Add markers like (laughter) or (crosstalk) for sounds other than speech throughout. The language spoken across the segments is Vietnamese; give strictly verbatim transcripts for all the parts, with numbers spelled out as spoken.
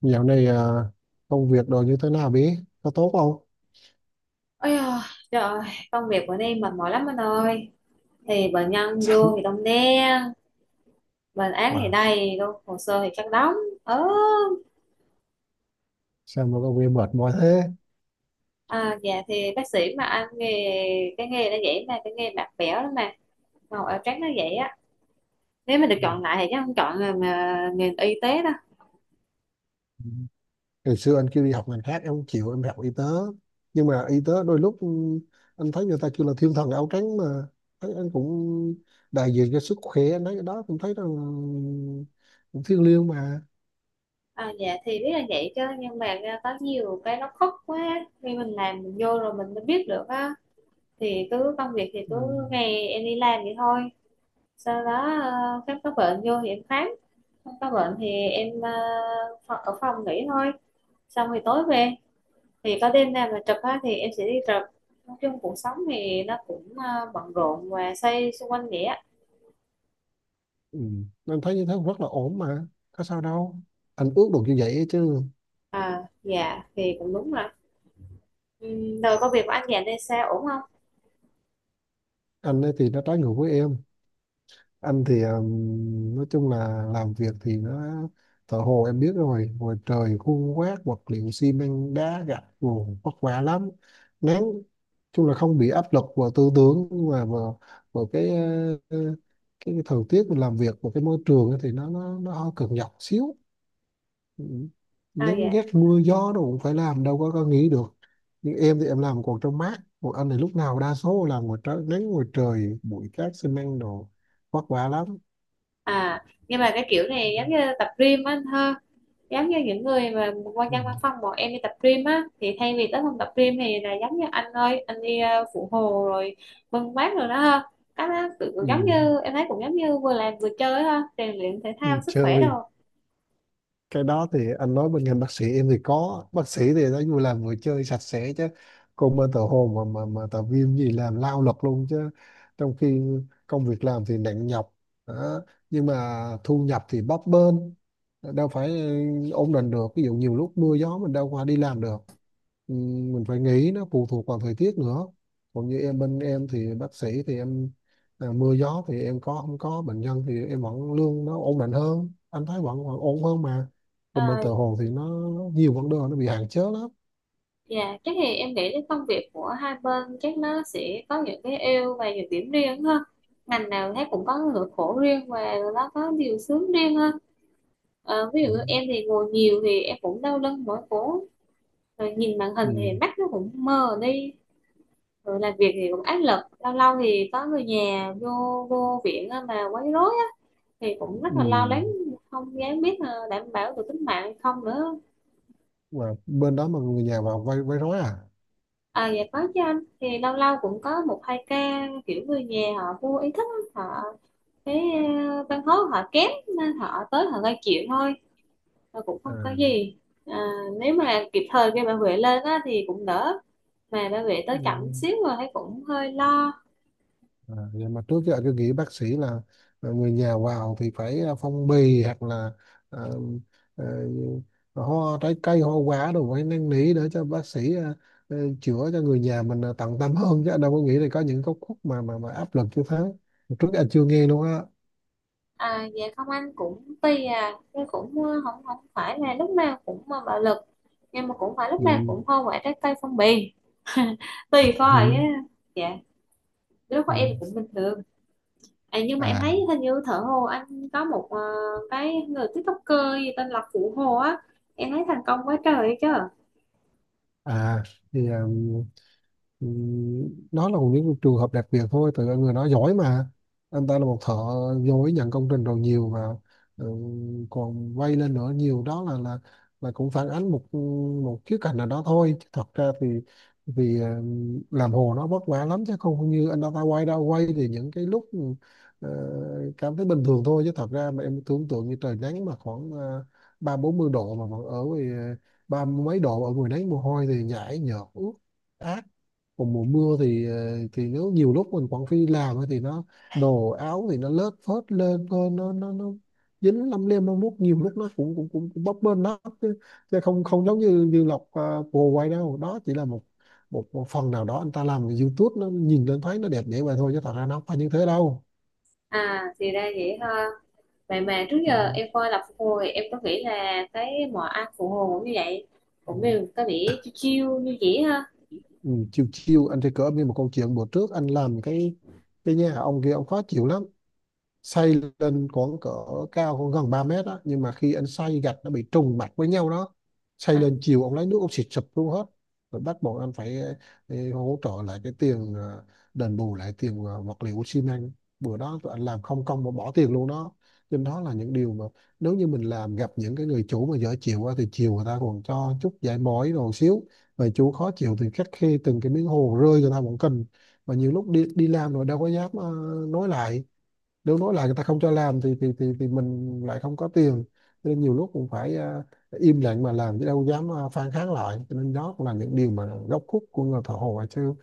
Dạo này à, công việc đồ như thế nào bí? Có tốt không? Ôi giời, trời ơi, công việc của Ni mệt mỏi lắm anh ơi. Thì bệnh (laughs) nhân vô Sao, thì đông đen. Bệnh án thì wow, đầy luôn. Hồ sơ thì chắc đóng. ớ sao mà công việc mệt mỏi thế? à, Dạ thì bác sĩ mà anh nghề. Cái nghề nó vậy mà. Cái nghề bạc bẽo lắm mà. Màu áo trắng nó vậy á. Nếu mà được chọn lại thì chắc không chọn nghề, mà, nghề y tế đâu. Ừ. Ngày xưa anh kêu đi học ngành khác em không chịu, em học y tế. Nhưng mà y tế đôi lúc ừ, anh thấy người ta kêu là thiên thần áo trắng mà. Thấy anh cũng đại diện cho sức khỏe, anh thấy cái đó cũng thấy rằng ừ, cũng thiêng liêng mà. à, Dạ thì biết là vậy chứ. Nhưng mà có nhiều cái nó khốc quá. Khi mình làm mình vô rồi mình mới biết được á. Thì cứ công việc thì Ừ. cứ ngày em đi làm vậy thôi, sau đó ờ, khám có bệnh vô thì em khám, có bệnh thì em ờ, pho- ở phòng nghỉ thôi, xong thì tối về, thì có đêm nào mà chụp á, thì em sẽ đi chụp. Nói chung cuộc sống thì nó cũng ờ, bận rộn và xoay xung quanh vậy á. Ừ. Anh thấy như thế cũng rất là ổn mà. Có sao đâu. Anh ước được như vậy chứ. À dạ thì cũng đúng rồi. Ừm, rồi công việc của anh dành đây sao ổn không? Anh ấy thì nó trái ngược với em, anh thì um, nói chung là làm việc thì nó thợ hồ em biết rồi, ngoài trời khuôn quét vật liệu xi măng đá gạch nguồn vất vả lắm, nắng chung là không bị áp lực vào tư tưởng, nhưng mà vào, vào cái ờ, cái thời tiết mình làm việc và cái môi trường ấy thì nó nó nó hơi cực nhọc xíu. Ừ. À Nắng dạ. ghét mưa gió đâu cũng phải làm, đâu có có nghỉ được. Nhưng em thì em làm còn trong mát, còn anh thì lúc nào đa số làm ngoài trời nắng, ngoài trời bụi cát xi măng đồ, vất vả lắm. À, nhưng mà cái kiểu này giống như tập gym á anh ha. Giống như những người mà quan ừ, nhân văn phòng bọn em đi tập gym á, thì thay vì tới phòng tập gym thì là giống như anh ơi anh đi ờ, phụ hồ rồi bưng bát rồi đó ha. Cái đó tự cũng giống ừ, như em thấy, cũng giống như vừa làm vừa chơi ha, rèn luyện thể ừ, thao sức khỏe Chơi đồ. cái đó thì anh nói bên ngành bác sĩ em thì có bác sĩ thì nó vui, làm vừa chơi sạch sẽ chứ. Còn bên tờ hồ mà mà mà tờ viêm gì làm lao lực luôn chứ. Trong khi công việc làm thì nặng nhọc đó. Nhưng mà thu nhập thì bấp bênh, đâu phải ừ, ổn định được, ví dụ nhiều lúc mưa gió mình đâu qua đi làm được. Ừ, mình phải nghĩ nó phụ thuộc vào thời tiết nữa. Còn như em, bên em thì bác sĩ thì em à, mưa gió thì em có không có bệnh nhân thì em vẫn lương nó ổn định hơn, anh thấy vẫn, vẫn ổn hơn mà. Ờ, Còn bên tờ Hồ thì nó nhiều vấn đề, nó bị hạn chế lắm. dạ chắc thì em nghĩ cái công việc của hai bên chắc nó sẽ có những cái ưu và nhược điểm riêng ha. Ngành nào thấy cũng có nỗi khổ riêng và nó có điều sướng riêng ha. Ờ, ví dụ Ừ. như em thì ngồi nhiều thì em cũng đau lưng mỏi cổ, rồi nhìn màn hình Ừ. thì mắt nó cũng mờ đi, rồi làm việc thì cũng áp lực, lâu lâu thì có người nhà vô vô viện á mà quấy rối á thì cũng rất Ừ. là lo lắng, không dám biết là đảm bảo được tính mạng hay không nữa. Mà bên đó mà người nhà vào vay vay rối à? À dạ có chứ anh, thì lâu lâu cũng có một hai ca kiểu người nhà họ vô ý thức á, họ cái ờ, văn hóa họ kém nên họ tới họ gây chuyện thôi, và cũng À. không có gì. À, nếu mà kịp thời kêu bảo vệ lên á thì cũng đỡ, mà bảo vệ Ừ. tới chậm xíu rồi thấy cũng hơi lo. À, nhưng mà trước giờ cứ nghĩ bác sĩ là là người nhà vào thì phải à, phong bì hoặc là à, à, hoa trái cây hoa quả đồ phải năn nỉ để cho bác sĩ à, à, chữa cho người nhà mình à, tận tâm hơn chứ đâu có nghĩ là có những góc khuất mà mà mà áp lực như thế. Trước giờ chưa nghe luôn á. À, dạ không anh cũng tùy à, nhưng cũng ờ, không không phải là lúc nào cũng mà bạo lực, nhưng mà cũng phải lúc nào Ừ. cũng hoa quả trái cây phong bì. (laughs) Tùy Ừ. coi á. Dạ lúc đó Ừ. em cũng bình thường. À, nhưng mà em À thấy hình như thở hồ anh có một ờ, cái người TikToker gì tên là Phụ Hồ á, em thấy thành công quá trời chứ. à thì um, Ừ, đó là những cái trường hợp đặc biệt thôi, tại người đó giỏi mà. Anh ta là một thợ giỏi, nhận công trình rồi nhiều mà. Ừ, còn vay lên nữa nhiều, đó là là là cũng phản ánh một một khía cạnh nào đó thôi. Chứ thật ra thì vì ừ, làm hồ nó vất vả lắm chứ không như anh ta ta quay đâu quay, thì những cái lúc ừ, cảm thấy bình thường thôi, chứ thật ra mà em tưởng tượng như trời nắng mà khoảng ờ, ba bốn mươi độ mà vẫn ở ngoài, ờ, ba mấy độ ở ngoài nắng, mồ hôi thì nhảy nhợt ướt. Còn mùa mưa thì ờ, thì nếu nhiều lúc mình quảng phi làm ấy thì nó đồ áo thì nó lớt phớt lên thôi, nó nó nó dính lăm lem lăm lúc, nhiều lúc nó cũng cũng cũng, cũng bấp bênh lắm chứ, chứ không không giống như như lọc à, bồ quay đâu đó chỉ là một, một một phần nào đó. Anh ta làm cái YouTube nó nhìn lên thấy nó đẹp vậy vậy thôi chứ thật ra nó không phải như thế đâu. À thì ra vậy ha. Vậy mà trước Ừ. giờ em coi là Phụ Hồ thì em có nghĩ là cái mọi ăn Phụ Hồ cũng như vậy, Ừ. cũng đều có vẻ chill chill như vậy ha. Ừ. Chiều chiều anh thì cỡ như một câu chuyện, bữa trước anh làm cái cái nhà ông kia, ông khó chịu lắm, xây lên khoảng cỡ cao khoảng gần ba mét đó, nhưng mà khi anh xây gạch nó bị trùng mặt với nhau đó, xây à, lên chiều ông lấy nước ông xịt sụp luôn hết. Rồi bắt buộc anh phải ờ, hỗ trợ lại cái tiền, ờ, đền bù lại tiền, ờ, vật liệu xi măng. Bữa đó tụi anh làm không công mà bỏ tiền luôn đó. Nên đó là những điều mà nếu như mình làm gặp những cái người chủ mà dở chịu á, thì chiều người ta còn cho chút giải mỏi rồi xíu, mà chủ khó chịu thì khắt khe từng cái miếng hồ rơi người ta cũng cần. Mà nhiều lúc đi đi làm rồi đâu có dám ờ, nói lại, nếu nói là người ta không cho làm thì thì thì, thì mình lại không có tiền. Cho nên nhiều lúc cũng phải à, im lặng mà làm chứ đâu dám à, phản kháng lại. Cho nên đó cũng là những điều mà góc khuất của người thợ hồ chứ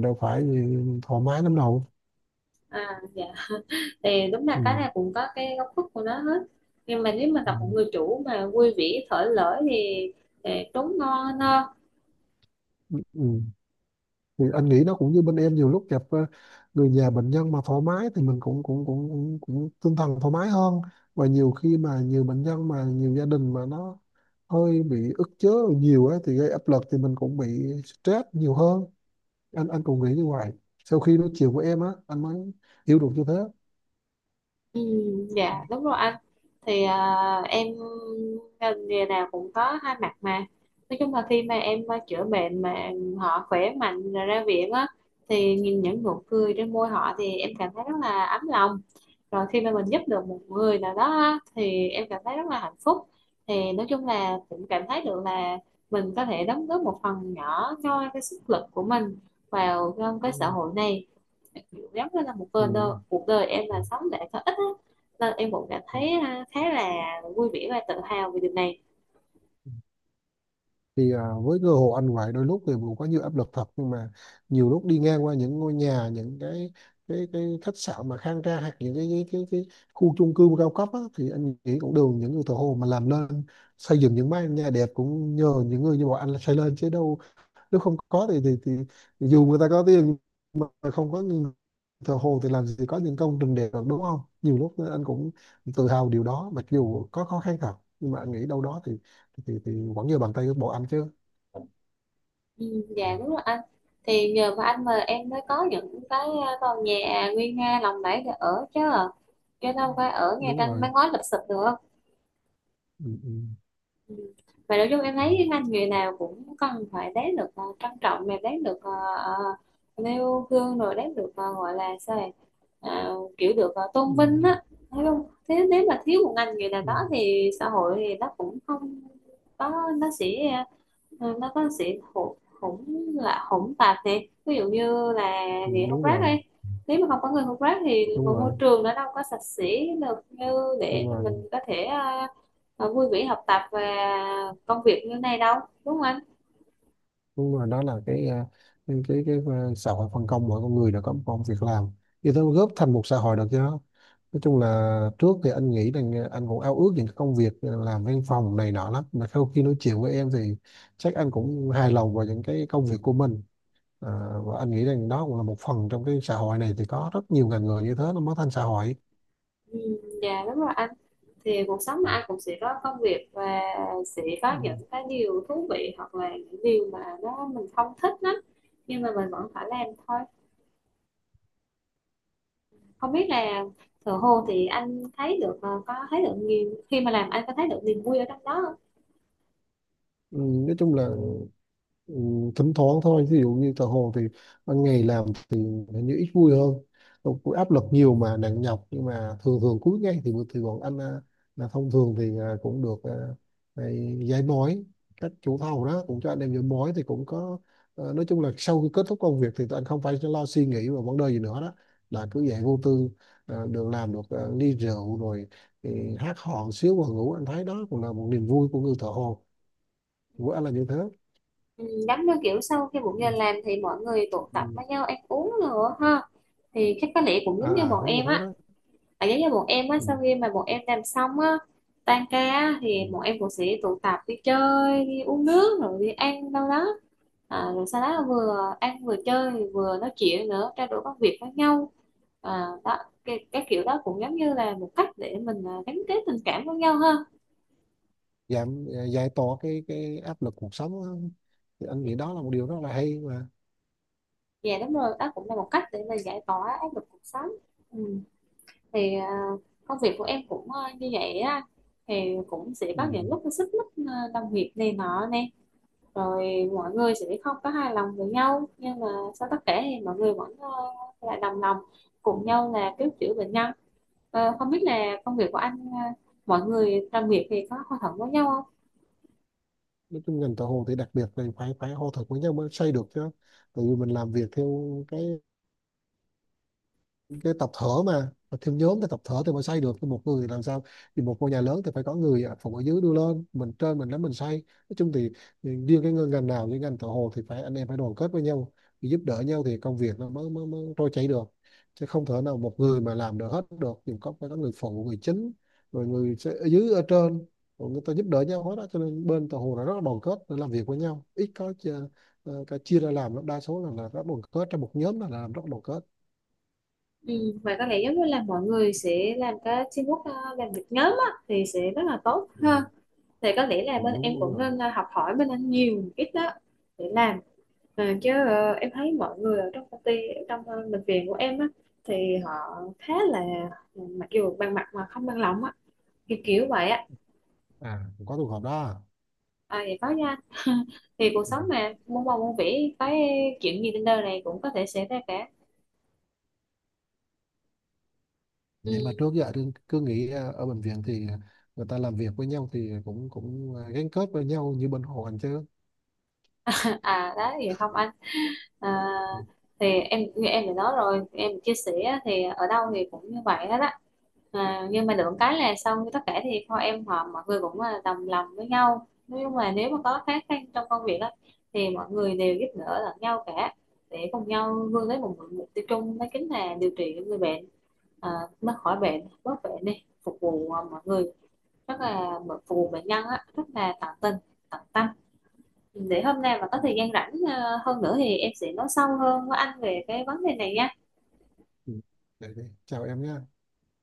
đâu phải gì thoải mái lắm đâu. à dạ thì đúng là cái Ừ. này cũng có cái góc khuất của nó hết. Nhưng mà nếu mà Ừ. gặp một người chủ mà vui vẻ thở lỡ thì, thì trốn ngon no. Ừ. Thì anh nghĩ nó cũng như bên em, nhiều lúc gặp ờ, người nhà bệnh nhân mà thoải mái thì mình cũng cũng cũng cũng, cũng tinh thần thoải mái hơn. Và nhiều khi mà nhiều bệnh nhân mà nhiều gia đình mà nó hơi bị ức chế nhiều á thì gây áp lực, thì mình cũng bị stress nhiều hơn. Anh anh cũng nghĩ như vậy, sau khi nói chuyện với em á anh mới hiểu được như thế. Ừ, dạ đúng rồi anh. Thì à, em ngành nghề nào cũng có hai mặt mà. Nói chung là khi mà em à, chữa bệnh mà họ khỏe mạnh rồi ra viện á, thì nhìn những nụ cười trên môi họ thì em cảm thấy rất là ấm lòng. Rồi khi mà mình giúp được một người nào đó á, thì em cảm thấy rất là hạnh phúc. Thì nói chung là cũng cảm thấy được là mình có thể đóng góp một phần nhỏ cho cái sức lực của mình vào trong cái xã Ừ. hội này. Kiểu giống như là một cuộc đời, Ừ. cuộc đời em là sống để có ích á. Nên em cũng cảm thấy à, khá là vui vẻ và tự hào về điều này. Thì à, với cơ hội anh vậy đôi lúc thì cũng có nhiều áp lực thật, nhưng mà nhiều lúc đi ngang qua những ngôi nhà, những cái cái cái khách sạn mà khang trang, hoặc những cái cái cái, cái khu chung cư cao cấp á, thì anh nghĩ cũng đều những người thợ hồ mà làm nên. Xây dựng những mái nhà đẹp cũng nhờ những người như bọn anh là xây lên chứ đâu. Nếu không có thì thì, thì, thì dù người ta có tiền mà không có người thờ hồ thì làm gì có những công trình đẹp được, đúng không? Nhiều lúc anh cũng tự hào điều đó, mặc dù có khó khăn thật, nhưng mà anh nghĩ đâu đó thì thì, thì vẫn như bàn tay của bộ anh chứ. Ừ, dạ đúng rồi anh. Thì nhờ vào anh mà em mới có những cái à, tòa nhà nguy nga lộng lẫy để ở chứ, chứ đâu phải ở ngay Đúng trên rồi. mái ngói lụp xụp được. ừ, ừ, Ừ. Và nói chung em thấy cái ngành nghề nào cũng cần phải đáng được ờ, trân trọng, mà đáng được uh, nêu gương, rồi đáng được ờ, gọi là sao này. Ờ, kiểu được ờ, ừ, tôn vinh á, thấy không? Thế nếu mà thiếu một ngành nghề nào ừ, đó thì xã hội thì nó cũng không có, nó sẽ ờ, nó có sự hỗn hỗn là hỗn tạp. Thì ví dụ như là ừ, người hút Đúng rác rồi, đi, nếu mà không có người hút rác thì đúng một môi rồi, trường nó đâu có sạch sẽ được, như đúng để mà mình rồi, có thể ờ, ờ, vui vẻ học tập và công việc như này đâu. Đúng không anh? đúng rồi, đó là cái à, cái cái, cái à, xã hội phân công mỗi con người đã có một công việc làm thì nó góp thành một xã hội được chứ. Nói chung là trước thì anh nghĩ rằng à, anh cũng ao ước những cái công việc à, làm văn phòng này nọ lắm, mà sau khi nói chuyện với em thì chắc anh cũng hài lòng vào những cái công việc của mình. À, và anh nghĩ rằng đó cũng là một phần trong cái xã hội này, thì có rất nhiều ngành nghề như thế nó mới thành xã hội. Ừ, dạ đúng rồi anh. Thì cuộc sống mà anh cũng sẽ có công việc và sẽ có Ừ. những cái điều thú vị hoặc là những điều mà nó mình không thích lắm, nhưng mà mình vẫn phải làm thôi. Không biết là thợ hồ thì anh thấy được ờ, có thấy được niềm khi mà làm anh có thấy được niềm vui ở trong đó không? Ừ, nói chung là Ừ, thỉnh thoảng thôi, ví dụ như tờ hồ thì ban ngày làm thì hình như ít vui hơn. Đâu có áp lực nhiều mà nặng nhọc, nhưng mà thường thường cuối ngày thì thì bọn anh à, là thông thường thì à, cũng được à, này, giải mối, các chủ thầu đó cũng cho anh em giải mối thì cũng có. À, nói chung là sau khi kết thúc công việc thì tụi anh không phải lo suy nghĩ và vấn đề gì nữa đó, là cứ dạy vô tư, à, được làm được à, ly rượu rồi thì hát hò xíu và ngủ. Anh thấy đó cũng là một niềm vui của người thợ hồ, của anh là như thế. Ừ, giống như kiểu sau khi một ngày làm thì mọi người tụ Ừ. tập với nhau ăn uống nữa ha, thì chắc có lẽ cũng À, giống như à bọn đúng như em thế á. đó. Tại giống như bọn em á Ừ. sau khi mà bọn em làm xong á, tan ca á, thì Ừ. bọn em cũng sẽ tụ tập đi chơi đi uống nước rồi đi ăn đâu đó. À, rồi sau đó vừa ăn vừa chơi vừa nói chuyện nữa, trao đổi công việc với nhau. À, đó, cái, cái kiểu đó cũng giống như là một cách để mình à, gắn kết tình cảm với nhau hơn. giảm Giải tỏa cái cái áp lực cuộc sống á. Thì anh nghĩ đó là một điều rất là hay mà. Dạ đúng rồi, đó cũng là một cách để mình giải tỏa áp lực cuộc sống. Ừ. thì à, công việc của em cũng à, như vậy á, thì cũng sẽ Ừ. có những lúc xích mích à, đồng nghiệp này nọ nè, rồi mọi người sẽ không có hài lòng với nhau, nhưng mà sau tất cả thì mọi người vẫn à, lại đồng lòng cùng nhau là cứu chữa bệnh nhân. Ờ, không biết là công việc của anh à, mọi người đồng nghiệp thì có hòa thuận với nhau không? Nói chung ngành thợ hồ thì đặc biệt là phải phải hô thực với nhau mới xây được chứ. Tại vì mình làm việc theo cái cái tập thở mà, thêm nhóm thì tập thở thì mới xây được, thì một người thì làm sao? Thì một ngôi nhà lớn thì phải có người ở phòng ở dưới đưa lên, mình trên mình nắm mình xây. Nói chung thì, thì riêng cái ngành nào như ngành thợ hồ thì phải anh em phải đoàn kết với nhau, thì giúp đỡ nhau thì công việc nó mới mới, mới trôi chảy được. Chứ không thể nào một người mà làm được hết được, thì có phải có người phụ người chính, rồi người sẽ ở dưới ở trên, rồi người ta giúp đỡ nhau hết đó. Cho nên bên thợ hồ là rất là đoàn kết để làm việc với nhau, ít có chia, ờ, cái chia ra làm lắm. Đa số là, là rất đoàn kết, trong một nhóm là làm rất đoàn kết. Ừ, và có lẽ giống như là mọi người sẽ làm cái teamwork ờ, làm việc nhóm á, thì sẽ rất là tốt ha. Ừ. Thì có lẽ là Ừ, bên đúng em đúng cũng rồi. nên ờ, học hỏi bên anh nhiều một ít đó, để làm. Ờ, chứ ờ, em thấy mọi người ở trong công ty, ở trong ờ, bệnh viện của em á, thì họ khá là ờ, mặc dù bằng mặt mà không bằng lòng á, kiểu kiểu vậy á. À có trường hợp đó. À, vậy có nha. (laughs) Thì cuộc Ừ, sống mà muôn màu muôn vẻ, cái chuyện gì trên đời này cũng có thể xảy ra cả. Ừ. nhưng mà trước giờ tôi cứ nghĩ ờ, ở bệnh viện thì người ta làm việc với nhau thì cũng cũng ờ, gắn kết với nhau như bên hồ anh chứ. À đó vậy không anh? À, Ừ, thì em như em đã nói rồi, em chia sẻ thì ở đâu thì cũng như vậy hết á. À, nhưng mà được cái là sau tất cả thì thôi em họ mọi người cũng là đồng lòng với nhau. Nói chung là nếu mà có khó khăn trong công việc á, thì mọi người đều giúp đỡ lẫn nhau cả, để cùng nhau vươn tới một mục tiêu chung, đó chính là điều trị người bệnh. À, nó khỏi bệnh bớt bệnh đi, phục vụ à, mọi người, rất là phục vụ bệnh nhân á, rất là tận tình tận tâm. Để hôm nay mà có ừ. thời gian rảnh ờ, hơn nữa thì em sẽ nói sâu hơn với anh về cái vấn đề này nha. Ừ. Vậy đi. Chào em nhé.